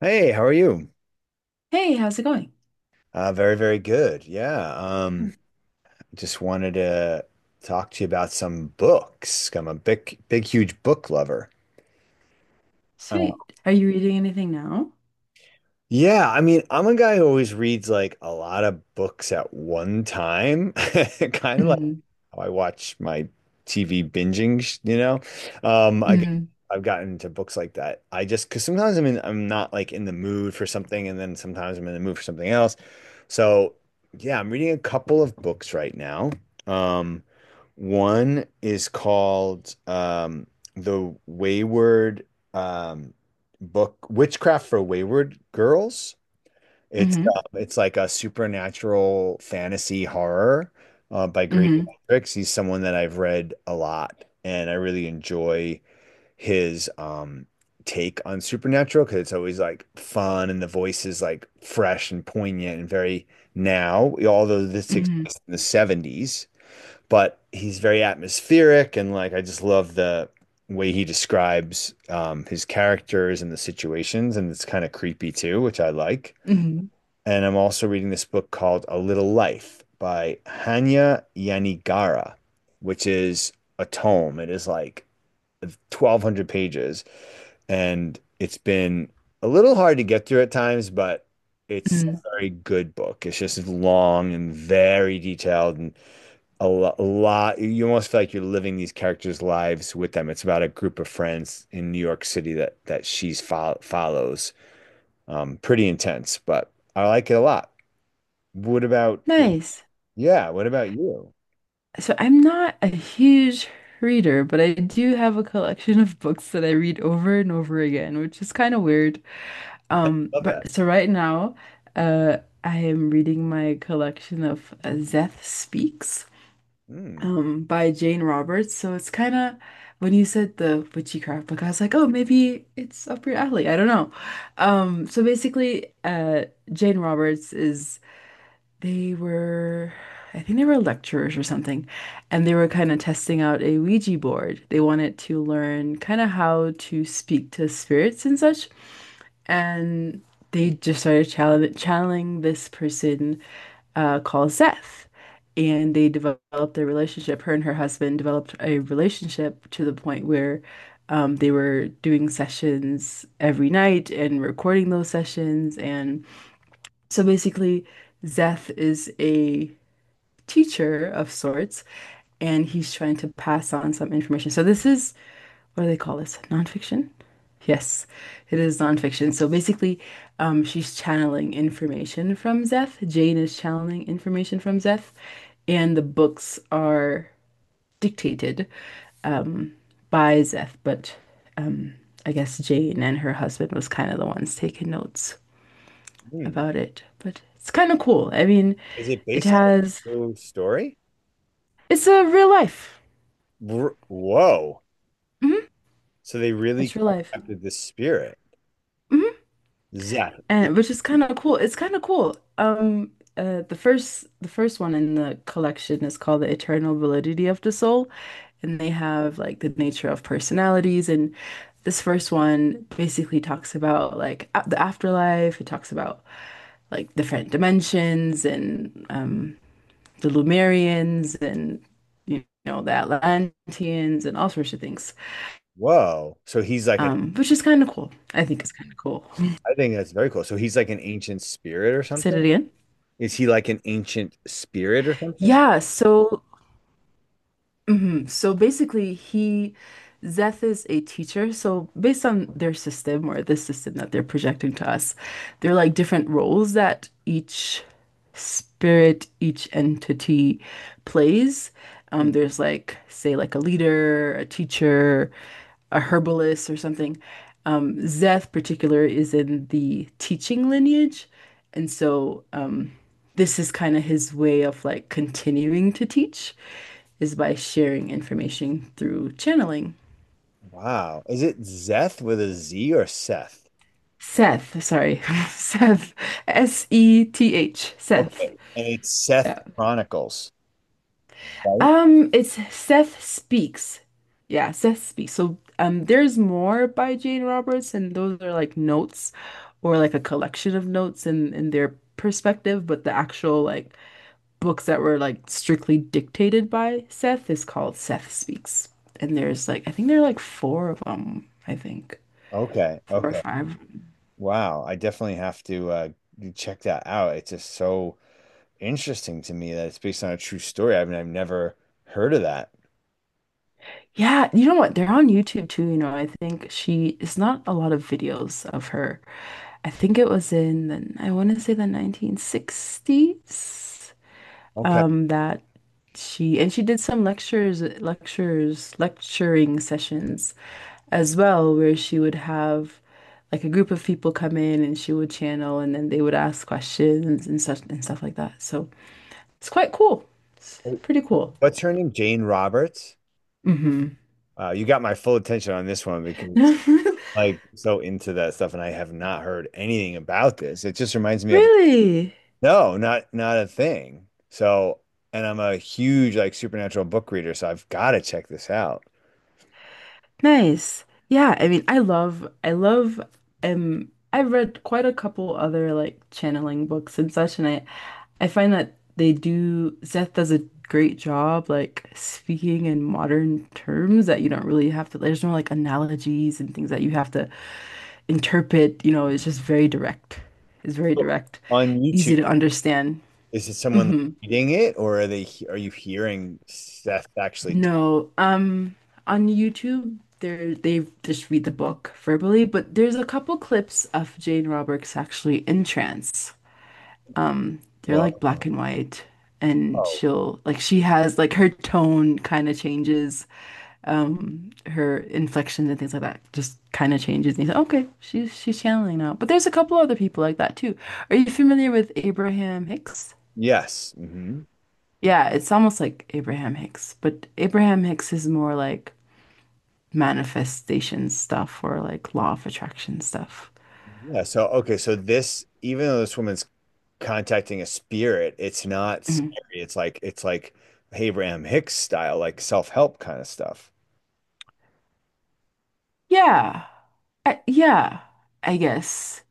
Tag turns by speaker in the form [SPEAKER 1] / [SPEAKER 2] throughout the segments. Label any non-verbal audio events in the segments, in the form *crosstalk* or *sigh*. [SPEAKER 1] Hey, how are you?
[SPEAKER 2] Hey, how's it going?
[SPEAKER 1] Very, very good. Yeah.
[SPEAKER 2] Hmm.
[SPEAKER 1] Just wanted to talk to you about some books. I'm a big, big, huge book lover.
[SPEAKER 2] Sweet. Are you reading anything now?
[SPEAKER 1] Yeah, I mean, I'm a guy who always reads like a lot of books at one time, *laughs* kind of like
[SPEAKER 2] Mm-hmm.
[SPEAKER 1] how I watch my TV binging, I guess
[SPEAKER 2] Mm-hmm.
[SPEAKER 1] I've gotten into books like that. I just because sometimes I'm not like in the mood for something, and then sometimes I'm in the mood for something else. So yeah, I'm reading a couple of books right now. Um, one is called The Wayward. Um, book, Witchcraft for Wayward Girls. It's
[SPEAKER 2] Mm-hmm.
[SPEAKER 1] um, it's like a supernatural fantasy horror by Great
[SPEAKER 2] Mm-hmm.
[SPEAKER 1] Hendricks. He's someone that I've read a lot, and I really enjoy his take on supernatural because it's always like fun and the voice is like fresh and poignant and very now. Although this takes
[SPEAKER 2] Mm-hmm.
[SPEAKER 1] place in the 70s, but he's very atmospheric and like I just love the way he describes his characters and the situations, and it's kind of creepy too, which I like.
[SPEAKER 2] Mm-hmm.
[SPEAKER 1] And I'm also reading this book called A Little Life by Hanya Yanigara, which is a tome. It is like 1,200 pages, and it's been a little hard to get through at times, but it's
[SPEAKER 2] Mm-hmm.
[SPEAKER 1] a very good book. It's just long and very detailed, and a lot, a lot. You almost feel like you're living these characters' lives with them. It's about a group of friends in New York City that follows. Pretty intense, but I like it a lot. What about,
[SPEAKER 2] Nice.
[SPEAKER 1] yeah, what about you?
[SPEAKER 2] So I'm not a huge reader, but I do have a collection of books that I read over and over again, which is kind of weird.
[SPEAKER 1] Love that.
[SPEAKER 2] But so right now, I am reading my collection of Zeth Speaks,
[SPEAKER 1] Mm,
[SPEAKER 2] by Jane Roberts. So it's kind of when you said the witchcraft book, I was like, oh, maybe it's up your alley. I don't know. So basically, Jane Roberts is they were, I think they were lecturers or something, and they were kind of testing out a Ouija board. They wanted to learn kind of how to speak to spirits and such, and
[SPEAKER 1] mm,
[SPEAKER 2] they just started challenge channeling this person, called Seth. And they developed a relationship. Her and her husband developed a relationship to the point where they were doing sessions every night and recording those sessions. And so basically, Seth is a teacher of sorts, and he's trying to pass on some information. So this is, what do they call this? Nonfiction? Yes, it is nonfiction. So basically, she's channeling information from Zeth. Jane is channeling information from Zeth, and the books are dictated um, by Zeth. But um, I guess Jane and her husband was kind of the ones taking notes
[SPEAKER 1] mm.
[SPEAKER 2] about it. But it's kind of cool. I mean,
[SPEAKER 1] Is it
[SPEAKER 2] it
[SPEAKER 1] based on a
[SPEAKER 2] has,
[SPEAKER 1] true story?
[SPEAKER 2] it's a real life.
[SPEAKER 1] Whoa. So they really
[SPEAKER 2] It's real life.
[SPEAKER 1] contacted the spirit. Zeph.
[SPEAKER 2] And which is kind of cool. It's kind of cool. The first one in the collection is called The Eternal Validity of the Soul, and they have like the nature of personalities. And this first one basically talks about like a the afterlife. It talks about like different dimensions and the Lumerians and the Atlanteans and all sorts of things.
[SPEAKER 1] Whoa.
[SPEAKER 2] Which is kind of cool. I think it's kind of cool. *laughs*
[SPEAKER 1] I think that's very cool. So he's like an ancient spirit or
[SPEAKER 2] Say it
[SPEAKER 1] something?
[SPEAKER 2] again.
[SPEAKER 1] Is he like an ancient spirit or something?
[SPEAKER 2] Yeah. so Mhm. So basically, he Zeth is a teacher. So based on their system or the system that they're projecting to us, there are like different roles that each spirit, each entity plays. There's like, say, like a leader, a teacher, a herbalist, or something. Zeth particular is in the teaching lineage, and so this is kind of his way of like continuing to teach is by sharing information through channeling.
[SPEAKER 1] Wow. Is it Zeth with a Z or Seth?
[SPEAKER 2] Seth, sorry, *laughs* Seth, Seth,
[SPEAKER 1] Okay.
[SPEAKER 2] Seth.
[SPEAKER 1] And it's Seth
[SPEAKER 2] Yeah.
[SPEAKER 1] Chronicles, right?
[SPEAKER 2] It's Seth Speaks. Yeah, Seth Speaks. So there's more by Jane Roberts, and those are like notes or like a collection of notes and in their perspective, but the actual like books that were like strictly dictated by Seth is called Seth Speaks. And there's like, I think there are like four of them, I think,
[SPEAKER 1] Okay.
[SPEAKER 2] four or
[SPEAKER 1] Okay.
[SPEAKER 2] five.
[SPEAKER 1] Wow. I definitely have to check that out. It's just so interesting to me that it's based on a true story. I mean, I've never heard of that.
[SPEAKER 2] Yeah, you know what? They're on YouTube too. You know, I think she It's not a lot of videos of her. I think it was in the, I want to say the 1960s,
[SPEAKER 1] Okay.
[SPEAKER 2] that she did some lecturing sessions as well, where she would have like a group of people come in and she would channel and then they would ask questions and such and stuff like that. So it's quite cool. It's pretty cool.
[SPEAKER 1] What's her name? Jane Roberts.
[SPEAKER 2] Hmm.
[SPEAKER 1] You got my full attention on this one because
[SPEAKER 2] *laughs*
[SPEAKER 1] like so into that stuff and I have not heard anything about this. It just reminds me of
[SPEAKER 2] Really?
[SPEAKER 1] no, not a thing. So, and I'm a huge like supernatural book reader, so I've got to check this out.
[SPEAKER 2] Nice. Yeah, I mean, I love, I've read quite a couple other like channeling books and such, and I find that Seth does a great job like speaking in modern terms that you don't really have to, there's no like analogies and things that you have to interpret, it's just very direct. It's very direct,
[SPEAKER 1] On
[SPEAKER 2] easy
[SPEAKER 1] YouTube,
[SPEAKER 2] to understand.
[SPEAKER 1] is it someone reading it, or are they are you hearing Seth actually talk?
[SPEAKER 2] No, on YouTube, there they just read the book verbally, but there's a couple clips of Jane Roberts actually in trance. They're
[SPEAKER 1] Well,
[SPEAKER 2] like
[SPEAKER 1] oh,
[SPEAKER 2] black and white, and
[SPEAKER 1] oh,
[SPEAKER 2] she has like her tone kind of changes, her inflections and things like that just kind of changes. And you say, okay, she's channeling now. But there's a couple other people like that too. Are you familiar with Abraham Hicks?
[SPEAKER 1] yes. Hmm.
[SPEAKER 2] Yeah, it's almost like Abraham Hicks, but Abraham Hicks is more like manifestation stuff or like law of attraction stuff.
[SPEAKER 1] Yeah. So, okay. So this, even though this woman's contacting a spirit. It's not scary.
[SPEAKER 2] Mhm.
[SPEAKER 1] It's like Abraham Hicks style, like self-help kind of stuff.
[SPEAKER 2] Yeah. Yeah, I guess.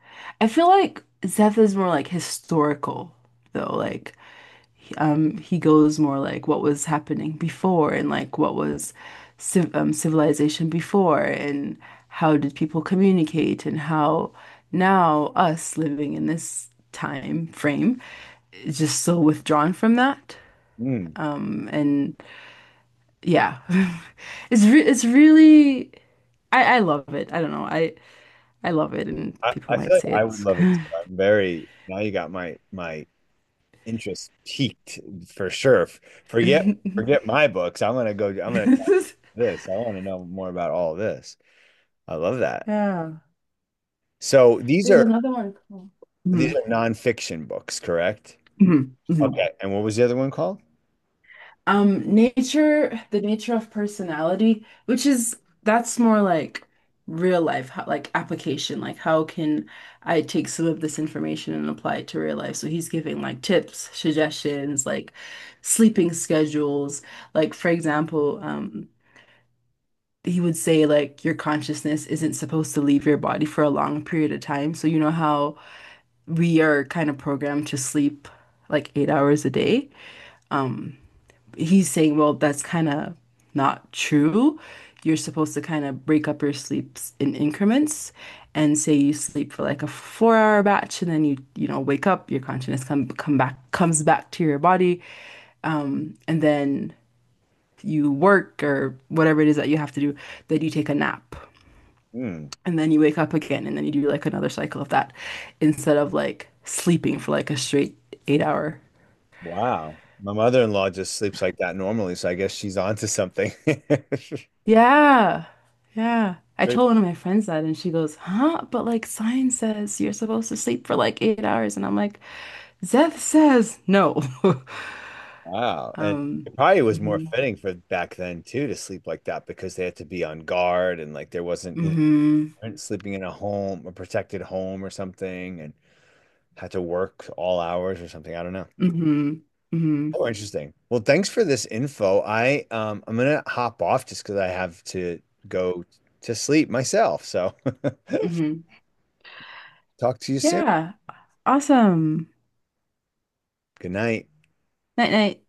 [SPEAKER 2] I feel like Zeth is more like historical though. Like he goes more like what was happening before and like what was civilization before and how did people communicate and how now us living in this time frame is just so withdrawn from that.
[SPEAKER 1] Mm.
[SPEAKER 2] And yeah. *laughs* It's really. I love it. I don't know. I love it and
[SPEAKER 1] I,
[SPEAKER 2] people
[SPEAKER 1] I feel
[SPEAKER 2] might
[SPEAKER 1] like
[SPEAKER 2] say
[SPEAKER 1] I would
[SPEAKER 2] it's
[SPEAKER 1] love it.
[SPEAKER 2] kind
[SPEAKER 1] I'm very now you got my interest peaked for sure.
[SPEAKER 2] of.
[SPEAKER 1] Forget forget my books. I'm gonna go. I'm gonna try
[SPEAKER 2] *laughs*
[SPEAKER 1] this. I want to know more about all this. I love that.
[SPEAKER 2] Yeah.
[SPEAKER 1] So
[SPEAKER 2] There's another one called.
[SPEAKER 1] these
[SPEAKER 2] Mhm.
[SPEAKER 1] are nonfiction books, correct?
[SPEAKER 2] Mhm. Mhm.
[SPEAKER 1] Okay. And what was the other one called?
[SPEAKER 2] The nature of personality, which is that's more like real life, how, like application, like how can I take some of this information and apply it to real life? So he's giving like tips, suggestions, like sleeping schedules. Like for example, he would say like your consciousness isn't supposed to leave your body for a long period of time. So you know how we are kind of programmed to sleep like 8 hours a day. Um, he's saying, well, that's kind of not true. You're supposed to kind of break up your sleeps in increments and say you sleep for like a 4 hour batch and then you, wake up, your consciousness comes back to your body, and then you work or whatever it is that you have to do, then you take a nap.
[SPEAKER 1] Hmm.
[SPEAKER 2] And then you wake up again and then you do like another cycle of that instead of like sleeping for like a straight 8 hour.
[SPEAKER 1] Wow. My mother-in-law just sleeps like that normally, so I guess she's onto something. *laughs*
[SPEAKER 2] Yeah. Yeah. I
[SPEAKER 1] Pretty-
[SPEAKER 2] told one of my friends that and she goes, "Huh? But like science says you're supposed to sleep for like 8 hours." And I'm like, "Zeth says no." *laughs*
[SPEAKER 1] Wow. And
[SPEAKER 2] Um,
[SPEAKER 1] it probably was more
[SPEAKER 2] hmm.
[SPEAKER 1] fitting for back then too to sleep like that because they had to be on guard and like there wasn't, you know,
[SPEAKER 2] Hmm.
[SPEAKER 1] they weren't sleeping in a home, a protected home or something and had to work all hours or something. I don't know.
[SPEAKER 2] Hmm. Hmm.
[SPEAKER 1] Oh, interesting. Well, thanks for this info. I'm gonna hop off just because I have to go to sleep myself. So *laughs*
[SPEAKER 2] Hmm.
[SPEAKER 1] talk to you soon.
[SPEAKER 2] Yeah. Awesome.
[SPEAKER 1] Good night.
[SPEAKER 2] Night night.